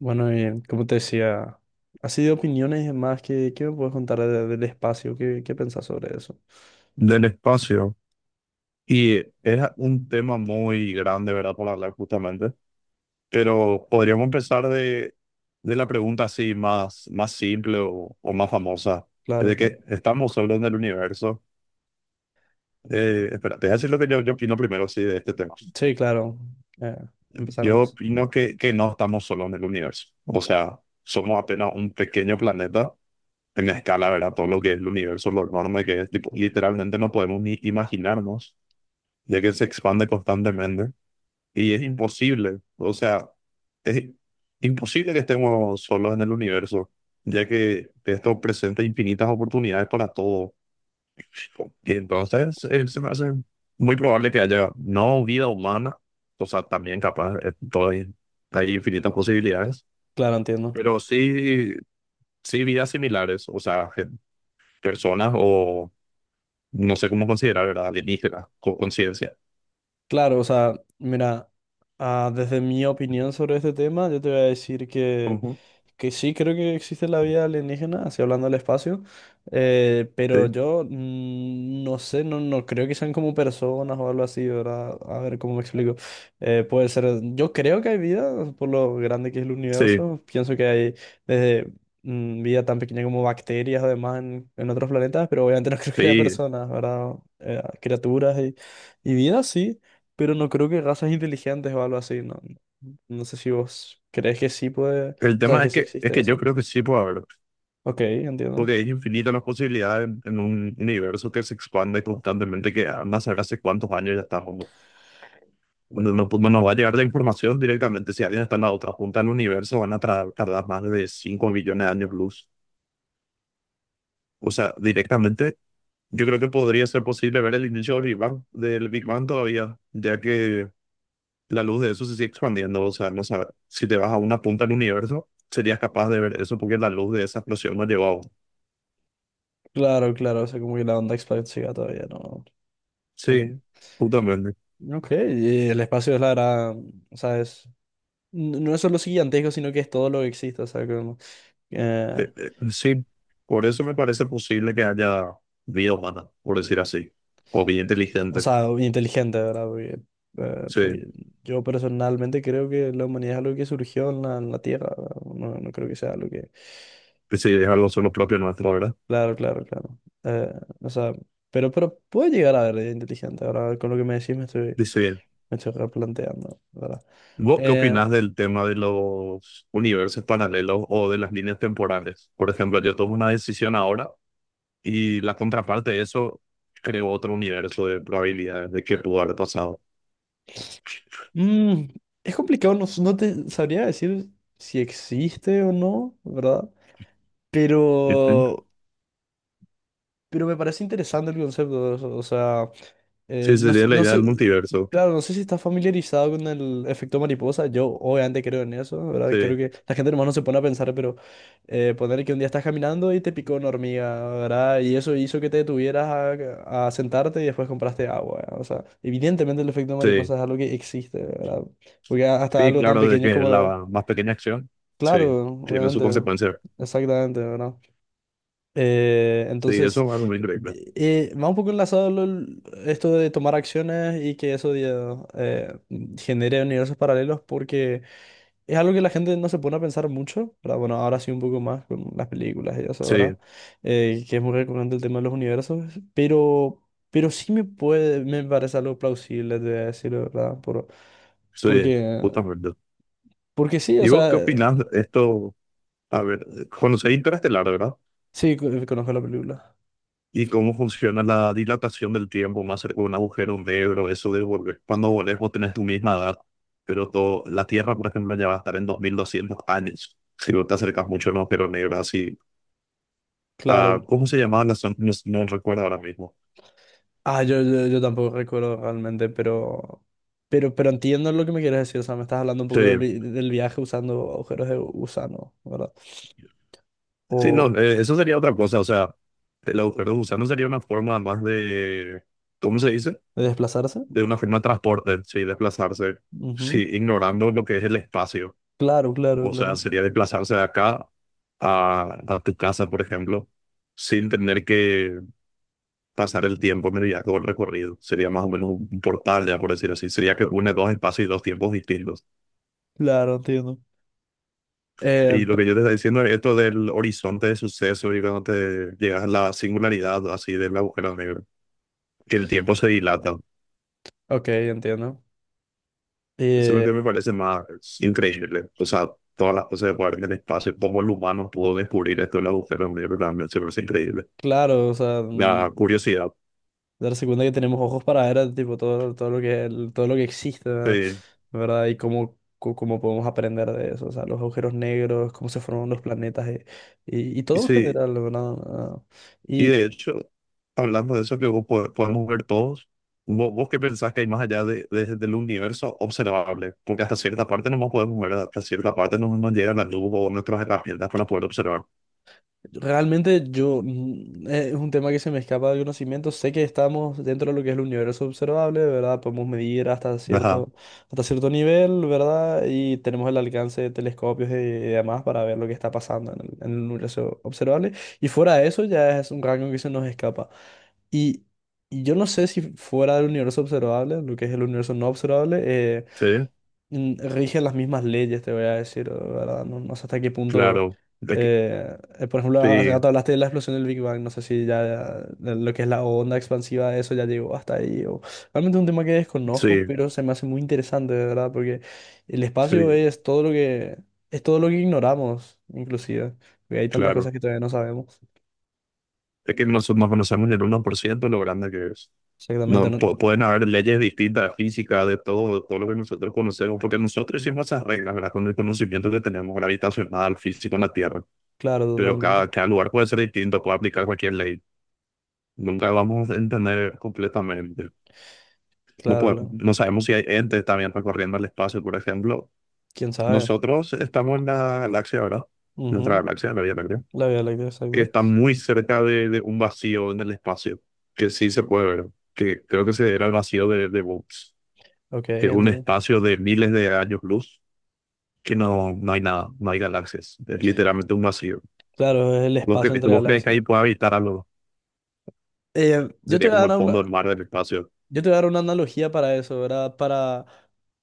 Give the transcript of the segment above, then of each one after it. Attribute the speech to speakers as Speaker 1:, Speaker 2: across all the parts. Speaker 1: Bueno, y como te decía, así de opiniones y demás, ¿qué me puedes contar del espacio? ¿Qué pensás sobre eso?
Speaker 2: Del espacio. Y es un tema muy grande, ¿verdad? Para hablar justamente. Pero podríamos empezar de la pregunta así más, más simple o más famosa.
Speaker 1: Claro,
Speaker 2: De
Speaker 1: claro.
Speaker 2: que estamos solos en el universo. Espera, te voy a decir lo que yo opino primero, sí, de este tema.
Speaker 1: Sí, claro. Eh, empezar
Speaker 2: Yo
Speaker 1: más.
Speaker 2: opino que no estamos solos en el universo. O sea, somos apenas un pequeño planeta en escala, ¿verdad? Todo lo que es el universo, lo enorme que es. Tipo, literalmente no podemos ni imaginarnos, ya que se expande constantemente. Y es imposible, o sea, es imposible que estemos solos en el universo, ya que esto presenta infinitas oportunidades para todos. Y entonces se me hace muy probable que haya no vida humana, o sea, también capaz, todo- hay infinitas posibilidades,
Speaker 1: Claro, entiendo.
Speaker 2: pero sí, sí vidas similares, o sea, gen- personas o no sé cómo considerar, ¿verdad? Alienígenas, con conciencia.
Speaker 1: Claro, o sea, mira, desde mi opinión sobre este tema, yo te voy a decir que
Speaker 2: Ujú.
Speaker 1: Que sí, creo que existe la vida alienígena, así hablando del espacio, pero
Speaker 2: Sí,
Speaker 1: yo no sé, no creo que sean como personas o algo así, ¿verdad? A ver cómo me explico. Puede ser, yo creo que hay vida, por lo grande que es el
Speaker 2: sí,
Speaker 1: universo, pienso que hay desde vida tan pequeña como bacterias además en otros planetas, pero obviamente no creo que haya
Speaker 2: sí.
Speaker 1: personas, ¿verdad? Criaturas y vida sí, pero no creo que razas inteligentes o algo así, ¿no? No sé si vos crees que sí puede, o
Speaker 2: El
Speaker 1: sea,
Speaker 2: tema
Speaker 1: que
Speaker 2: es
Speaker 1: sí
Speaker 2: que, es
Speaker 1: existe
Speaker 2: que yo
Speaker 1: eso.
Speaker 2: creo que sí puede haber.
Speaker 1: Ok, entiendo.
Speaker 2: Porque es infinita las posibilidades en un universo que se expande constantemente, que andas a saber hace cuántos años ya está. No, cuando no pues, no va a llegar la información directamente. Si alguien está en la otra punta del universo, van a tardar más de 5 millones de años luz. O sea, directamente, yo creo que podría ser posible ver el inicio del Big Bang todavía, ya que la luz de eso se sigue expandiendo. O sea, no sabe- si te vas a una punta del universo, serías capaz de ver eso porque la luz de esa explosión no llegó aún.
Speaker 1: Claro, claro, o sea, como que la onda expansiva todavía no. en-
Speaker 2: Sí, justamente.
Speaker 1: Ok, y el espacio es la verdad, o sea, es, no es solo gigantesco, sino que es todo lo que existe, o sea, como, eh,
Speaker 2: Sí, por eso me parece posible que haya vida humana, por decir así, o vida
Speaker 1: o
Speaker 2: inteligente.
Speaker 1: sea, inteligente, ¿verdad? Porque, eh,
Speaker 2: Sí,
Speaker 1: porque yo personalmente creo que la humanidad es algo que surgió en en la Tierra, ¿verdad? No creo que sea algo que...
Speaker 2: sí, dejarlo solo propio nuestro, ¿verdad?
Speaker 1: Claro, claro, claro. Eh, o sea, pero puede llegar a ver inteligente, ahora con lo que me decís
Speaker 2: Dice bien.
Speaker 1: me estoy replanteando, ¿verdad?
Speaker 2: ¿Vos qué
Speaker 1: Eh,
Speaker 2: opinás del tema de los universos paralelos o de las líneas temporales? Por ejemplo, yo tomo una decisión ahora y la contraparte de eso creo otro universo de probabilidades de que pudo haber pasado.
Speaker 1: Mm, es complicado, no, no te sabría decir si existe o no, ¿verdad?
Speaker 2: Ujú.
Speaker 1: Pero, pero me parece interesante el concepto, o sea,
Speaker 2: Sí,
Speaker 1: no,
Speaker 2: sería la
Speaker 1: no
Speaker 2: idea
Speaker 1: sé,
Speaker 2: del multiverso.
Speaker 1: claro, no sé si estás familiarizado con el efecto mariposa. Yo obviamente creo en eso, ¿verdad? Creo
Speaker 2: Sí,
Speaker 1: que la gente nomás no se pone a pensar, pero poner que un día estás caminando y te picó una hormiga, ¿verdad? Y eso hizo que te detuvieras a sentarte y después compraste agua. O sea, evidentemente el efecto
Speaker 2: sí,
Speaker 1: mariposa es algo que existe, ¿verdad? Porque hasta
Speaker 2: sí,
Speaker 1: algo tan
Speaker 2: claro, de
Speaker 1: pequeño
Speaker 2: que
Speaker 1: como...
Speaker 2: la más pequeña acción, sí,
Speaker 1: Claro,
Speaker 2: tiene su
Speaker 1: obviamente,
Speaker 2: consecuencia.
Speaker 1: exactamente, ¿verdad?
Speaker 2: Sí,
Speaker 1: Entonces...
Speaker 2: eso va muy venir increíble.
Speaker 1: Va un poco enlazado esto de tomar acciones y que eso ya, genere universos paralelos porque es algo que la gente no se pone a pensar mucho, ¿verdad? Bueno, ahora sí un poco más con las películas y eso, ¿verdad?
Speaker 2: Sí,
Speaker 1: Que es muy recurrente el tema de los universos, pero, pero sí me parece algo plausible, te voy a decir, ¿verdad?
Speaker 2: sí,
Speaker 1: Porque,
Speaker 2: justamente.
Speaker 1: porque sí, o
Speaker 2: ¿Y vos
Speaker 1: sea,
Speaker 2: qué opinás de esto? A ver, conocéis Interestelar, ¿verdad?
Speaker 1: sí, conozco la película.
Speaker 2: ¿Y cómo funciona la dilatación del tiempo más cerca de un agujero negro? Eso de volver. Cuando volvés vos tenés tu misma edad, pero todo, la Tierra, por ejemplo, ya va a estar en 2200 años. Si vos te acercas mucho a un agujero negro, así.
Speaker 1: Claro,
Speaker 2: Ah, ¿cómo se llamaba la zona? No, no recuerdo ahora mismo.
Speaker 1: ah, yo tampoco recuerdo realmente, pero entiendo lo que me quieres decir. O sea, me estás hablando un
Speaker 2: Sí,
Speaker 1: poco del, del viaje usando agujeros de gusano, ¿verdad?
Speaker 2: sí, no,
Speaker 1: O
Speaker 2: eso sería otra cosa. O sea, el agujero de gusano sería una forma más de, ¿cómo se dice?
Speaker 1: de desplazarse.
Speaker 2: De una forma de transporte, sí, desplazarse, sí,
Speaker 1: Ujú.
Speaker 2: ignorando lo que es el espacio.
Speaker 1: Claro, claro,
Speaker 2: O sea,
Speaker 1: claro.
Speaker 2: sería desplazarse de acá a tu casa, por ejemplo, sin tener que pasar el tiempo mediante todo el recorrido. Sería más o menos un portal, ya por decir así. Sería que une dos espacios y dos tiempos distintos.
Speaker 1: Claro, entiendo. Eh,
Speaker 2: Y lo
Speaker 1: pe-
Speaker 2: que yo te estaba diciendo es esto del horizonte de suceso y cuando te llegas a la singularidad así del agujero negro, que el tiempo se dilata.
Speaker 1: ok, entiendo.
Speaker 2: Eso es lo
Speaker 1: Eh,
Speaker 2: que me parece más increíble. O sea, todas las cosas que guardan en el espacio, cómo el humano pudo descubrir esto del agujero negro, también se me parece increíble.
Speaker 1: claro, o sea, mm,
Speaker 2: La curiosidad.
Speaker 1: darse cuenta que tenemos ojos para ver tipo todo, todo lo que todo lo que existe,
Speaker 2: Sí.
Speaker 1: ¿verdad? Y cómo, cómo podemos aprender de eso, o sea, los agujeros negros, cómo se forman los planetas y
Speaker 2: Y
Speaker 1: todo en
Speaker 2: sí,
Speaker 1: general, ¿verdad? Ah,
Speaker 2: y
Speaker 1: y,
Speaker 2: de hecho, hablando de eso que vos podemos ver todos, ¿vos, qué pensás que hay más allá del universo observable? Porque hasta cierta parte no nos podemos ver, hasta cierta parte no nos llega la luz o nuestras herramientas para poder observar.
Speaker 1: realmente yo mm, es un tema que se me escapa de conocimiento. Sé que estamos dentro de lo que es el universo observable, ¿verdad? Podemos medir hasta
Speaker 2: Ajá.
Speaker 1: hasta cierto nivel, ¿verdad? Y tenemos el alcance de telescopios y demás para ver lo que está pasando en en el universo observable. Y fuera de eso ya es un rango que se nos escapa. Y, y yo no sé si fuera del universo observable, lo que es el universo no observable,
Speaker 2: Sí,
Speaker 1: mm, rige las mismas leyes, te voy a decir, ¿verdad? No, no sé hasta qué punto.
Speaker 2: claro. De que-
Speaker 1: Por ejemplo, hace
Speaker 2: sí,
Speaker 1: rato hablaste de la explosión del Big Bang. No sé si ya lo que es la onda expansiva de eso ya llegó hasta ahí. O... Realmente es un tema que desconozco,
Speaker 2: sí,
Speaker 1: pero se me hace muy interesante, de ¿verdad? Porque el espacio
Speaker 2: sí,
Speaker 1: es todo lo que, es todo lo que ignoramos, inclusive. Porque hay tantas cosas
Speaker 2: claro.
Speaker 1: que todavía no sabemos.
Speaker 2: Es que nosotros no conocemos el uno por ciento lo grande que es.
Speaker 1: Exactamente,
Speaker 2: No,
Speaker 1: no-
Speaker 2: pueden haber leyes distintas, físicas de todo lo que nosotros conocemos, porque nosotros hicimos esas reglas, ¿verdad? Con el conocimiento que tenemos gravitacional, físico en la Tierra.
Speaker 1: Claro,
Speaker 2: Pero
Speaker 1: totalmente.
Speaker 2: cada lugar puede ser distinto, puede aplicar cualquier ley. Nunca vamos a entender completamente. No,
Speaker 1: Claro, claro.
Speaker 2: no sabemos si hay entes también recorriendo el espacio, por ejemplo.
Speaker 1: ¿Quién sabe?
Speaker 2: Nosotros estamos en la galaxia, ¿verdad? Nuestra
Speaker 1: Ujú.
Speaker 2: galaxia, la Vía Láctea.
Speaker 1: La Vía Láctea,
Speaker 2: Que
Speaker 1: exacto.
Speaker 2: está muy cerca de un vacío en el espacio, que sí se puede ver, que creo que se era el vacío de Bones.
Speaker 1: Ok,
Speaker 2: Es un
Speaker 1: entiendo.
Speaker 2: espacio de miles de años luz que no, no hay nada, no hay galaxias. Es literalmente un vacío.
Speaker 1: Claro, es el
Speaker 2: ¿Vos,
Speaker 1: espacio entre
Speaker 2: vos crees que
Speaker 1: galaxias.
Speaker 2: ahí puede habitar algo?
Speaker 1: Eh, yo te
Speaker 2: Sería
Speaker 1: voy a
Speaker 2: como el
Speaker 1: dar una,
Speaker 2: fondo del mar del espacio.
Speaker 1: yo te voy a dar una analogía para eso, ¿verdad?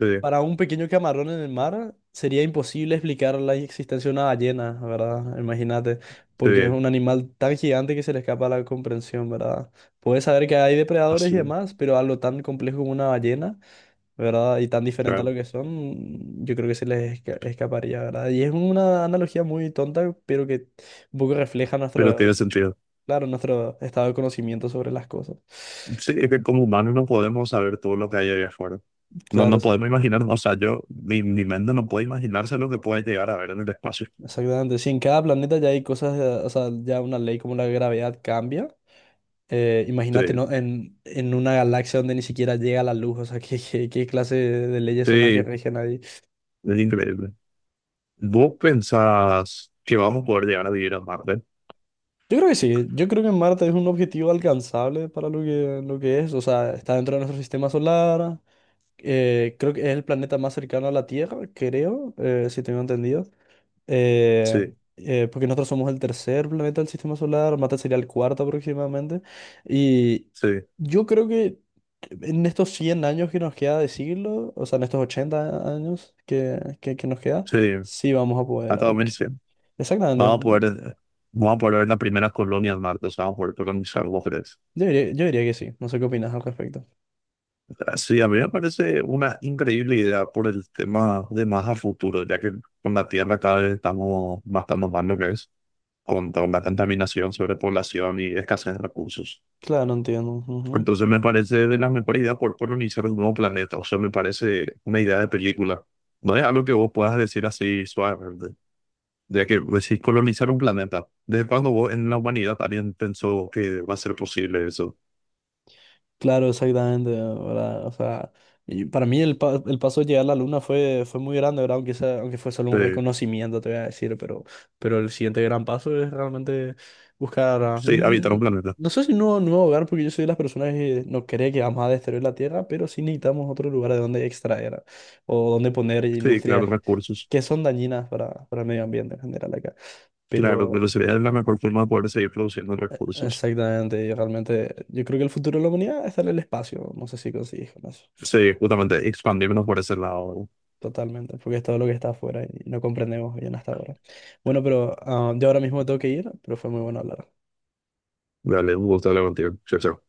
Speaker 2: Sí,
Speaker 1: Para un pequeño camarón en el mar sería imposible explicar la existencia de una ballena, ¿verdad? Imagínate, porque es
Speaker 2: sí,
Speaker 1: un animal tan gigante que se le escapa la comprensión, ¿verdad? Puedes saber que hay depredadores y
Speaker 2: así,
Speaker 1: demás, pero algo tan complejo como una ballena, ¿verdad? Y tan diferente a lo
Speaker 2: claro.
Speaker 1: que son, yo creo que se les escaparía, ¿verdad? Y es una analogía muy tonta, pero que un poco refleja
Speaker 2: Pero tiene
Speaker 1: nuestro,
Speaker 2: sentido.
Speaker 1: claro, nuestro estado de conocimiento sobre las cosas.
Speaker 2: Sí, es que como humanos no podemos saber todo lo que hay allá afuera. No,
Speaker 1: Claro,
Speaker 2: no podemos imaginar, o sea, yo, mi mente no puede imaginarse lo que puede llegar a ver en el espacio.
Speaker 1: exactamente. Si en cada planeta ya hay cosas, o sea, ya una ley como la gravedad cambia,
Speaker 2: Sí,
Speaker 1: imagínate, ¿no? En una galaxia donde ni siquiera llega la luz, o sea, ¿qué clase de leyes son las que
Speaker 2: sí.
Speaker 1: rigen ahí?
Speaker 2: Es increíble. ¿Vos pensás que vamos a poder llegar a vivir a Marte?
Speaker 1: Yo creo que sí, yo creo que Marte es un objetivo alcanzable para lo que es, o sea, está dentro de nuestro sistema solar, creo que es el planeta más cercano a la Tierra, creo, si tengo entendido. eh,
Speaker 2: Sí,
Speaker 1: porque nosotros somos el tercer planeta del sistema solar, Marte sería el cuarto aproximadamente, y
Speaker 2: sí,
Speaker 1: yo creo que en estos 100 años que nos queda de siglo, o sea, en estos 80 años que nos queda,
Speaker 2: sí.
Speaker 1: sí vamos a poder.
Speaker 2: Hasta
Speaker 1: Algo.
Speaker 2: 2100. Vamos a
Speaker 1: Exactamente,
Speaker 2: poder, vamos a poder ver las primeras colonias en Marte, o sea, vamos a poder colonizar los tres.
Speaker 1: yo diría que sí, no sé qué opinas al respecto.
Speaker 2: Sí, a mí me parece una increíble idea por el tema de más a futuro, ya que con la Tierra cada vez estamos más tan mal lo que es, con la contaminación, sobrepoblación y escasez de recursos.
Speaker 1: Claro, no entiendo. Ujú.
Speaker 2: Entonces me parece de las mejores ideas por colonizar un nuevo planeta. O sea, me parece una idea de película. No es algo que vos puedas decir así suavemente. De que pues, sí, colonizar un planeta. ¿Desde cuando vos en la humanidad alguien pensó que va a ser posible eso?
Speaker 1: Claro, exactamente, ¿verdad? O sea, y para mí el paso de llegar a la luna fue muy grande, ¿verdad? Aunque fue solo un
Speaker 2: Eh,
Speaker 1: reconocimiento, te voy a decir, pero el siguiente gran paso es realmente buscar, ah,
Speaker 2: sí, habitar un
Speaker 1: mm,
Speaker 2: planeta.
Speaker 1: no sé si un nuevo, nuevo hogar, porque yo soy de las personas que no cree que vamos a destruir la Tierra, pero sí necesitamos otro lugar de donde extraer o donde poner
Speaker 2: Sí, claro,
Speaker 1: industrias
Speaker 2: recursos.
Speaker 1: que son dañinas para el medio ambiente en general acá.
Speaker 2: Claro, pero
Speaker 1: Pero...
Speaker 2: sería la mejor forma de poder seguir produciendo recursos.
Speaker 1: Exactamente, y realmente yo creo que el futuro de la humanidad está en el espacio, no sé si consigues con eso.
Speaker 2: Sí, justamente expandirnos por ese lado.
Speaker 1: Totalmente, porque es todo lo que está afuera y no comprendemos bien hasta ahora. Bueno, pero ah, yo ahora mismo tengo que ir, pero fue muy bueno hablar.
Speaker 2: Dale, un gusto hablar contigo. Chao, chao.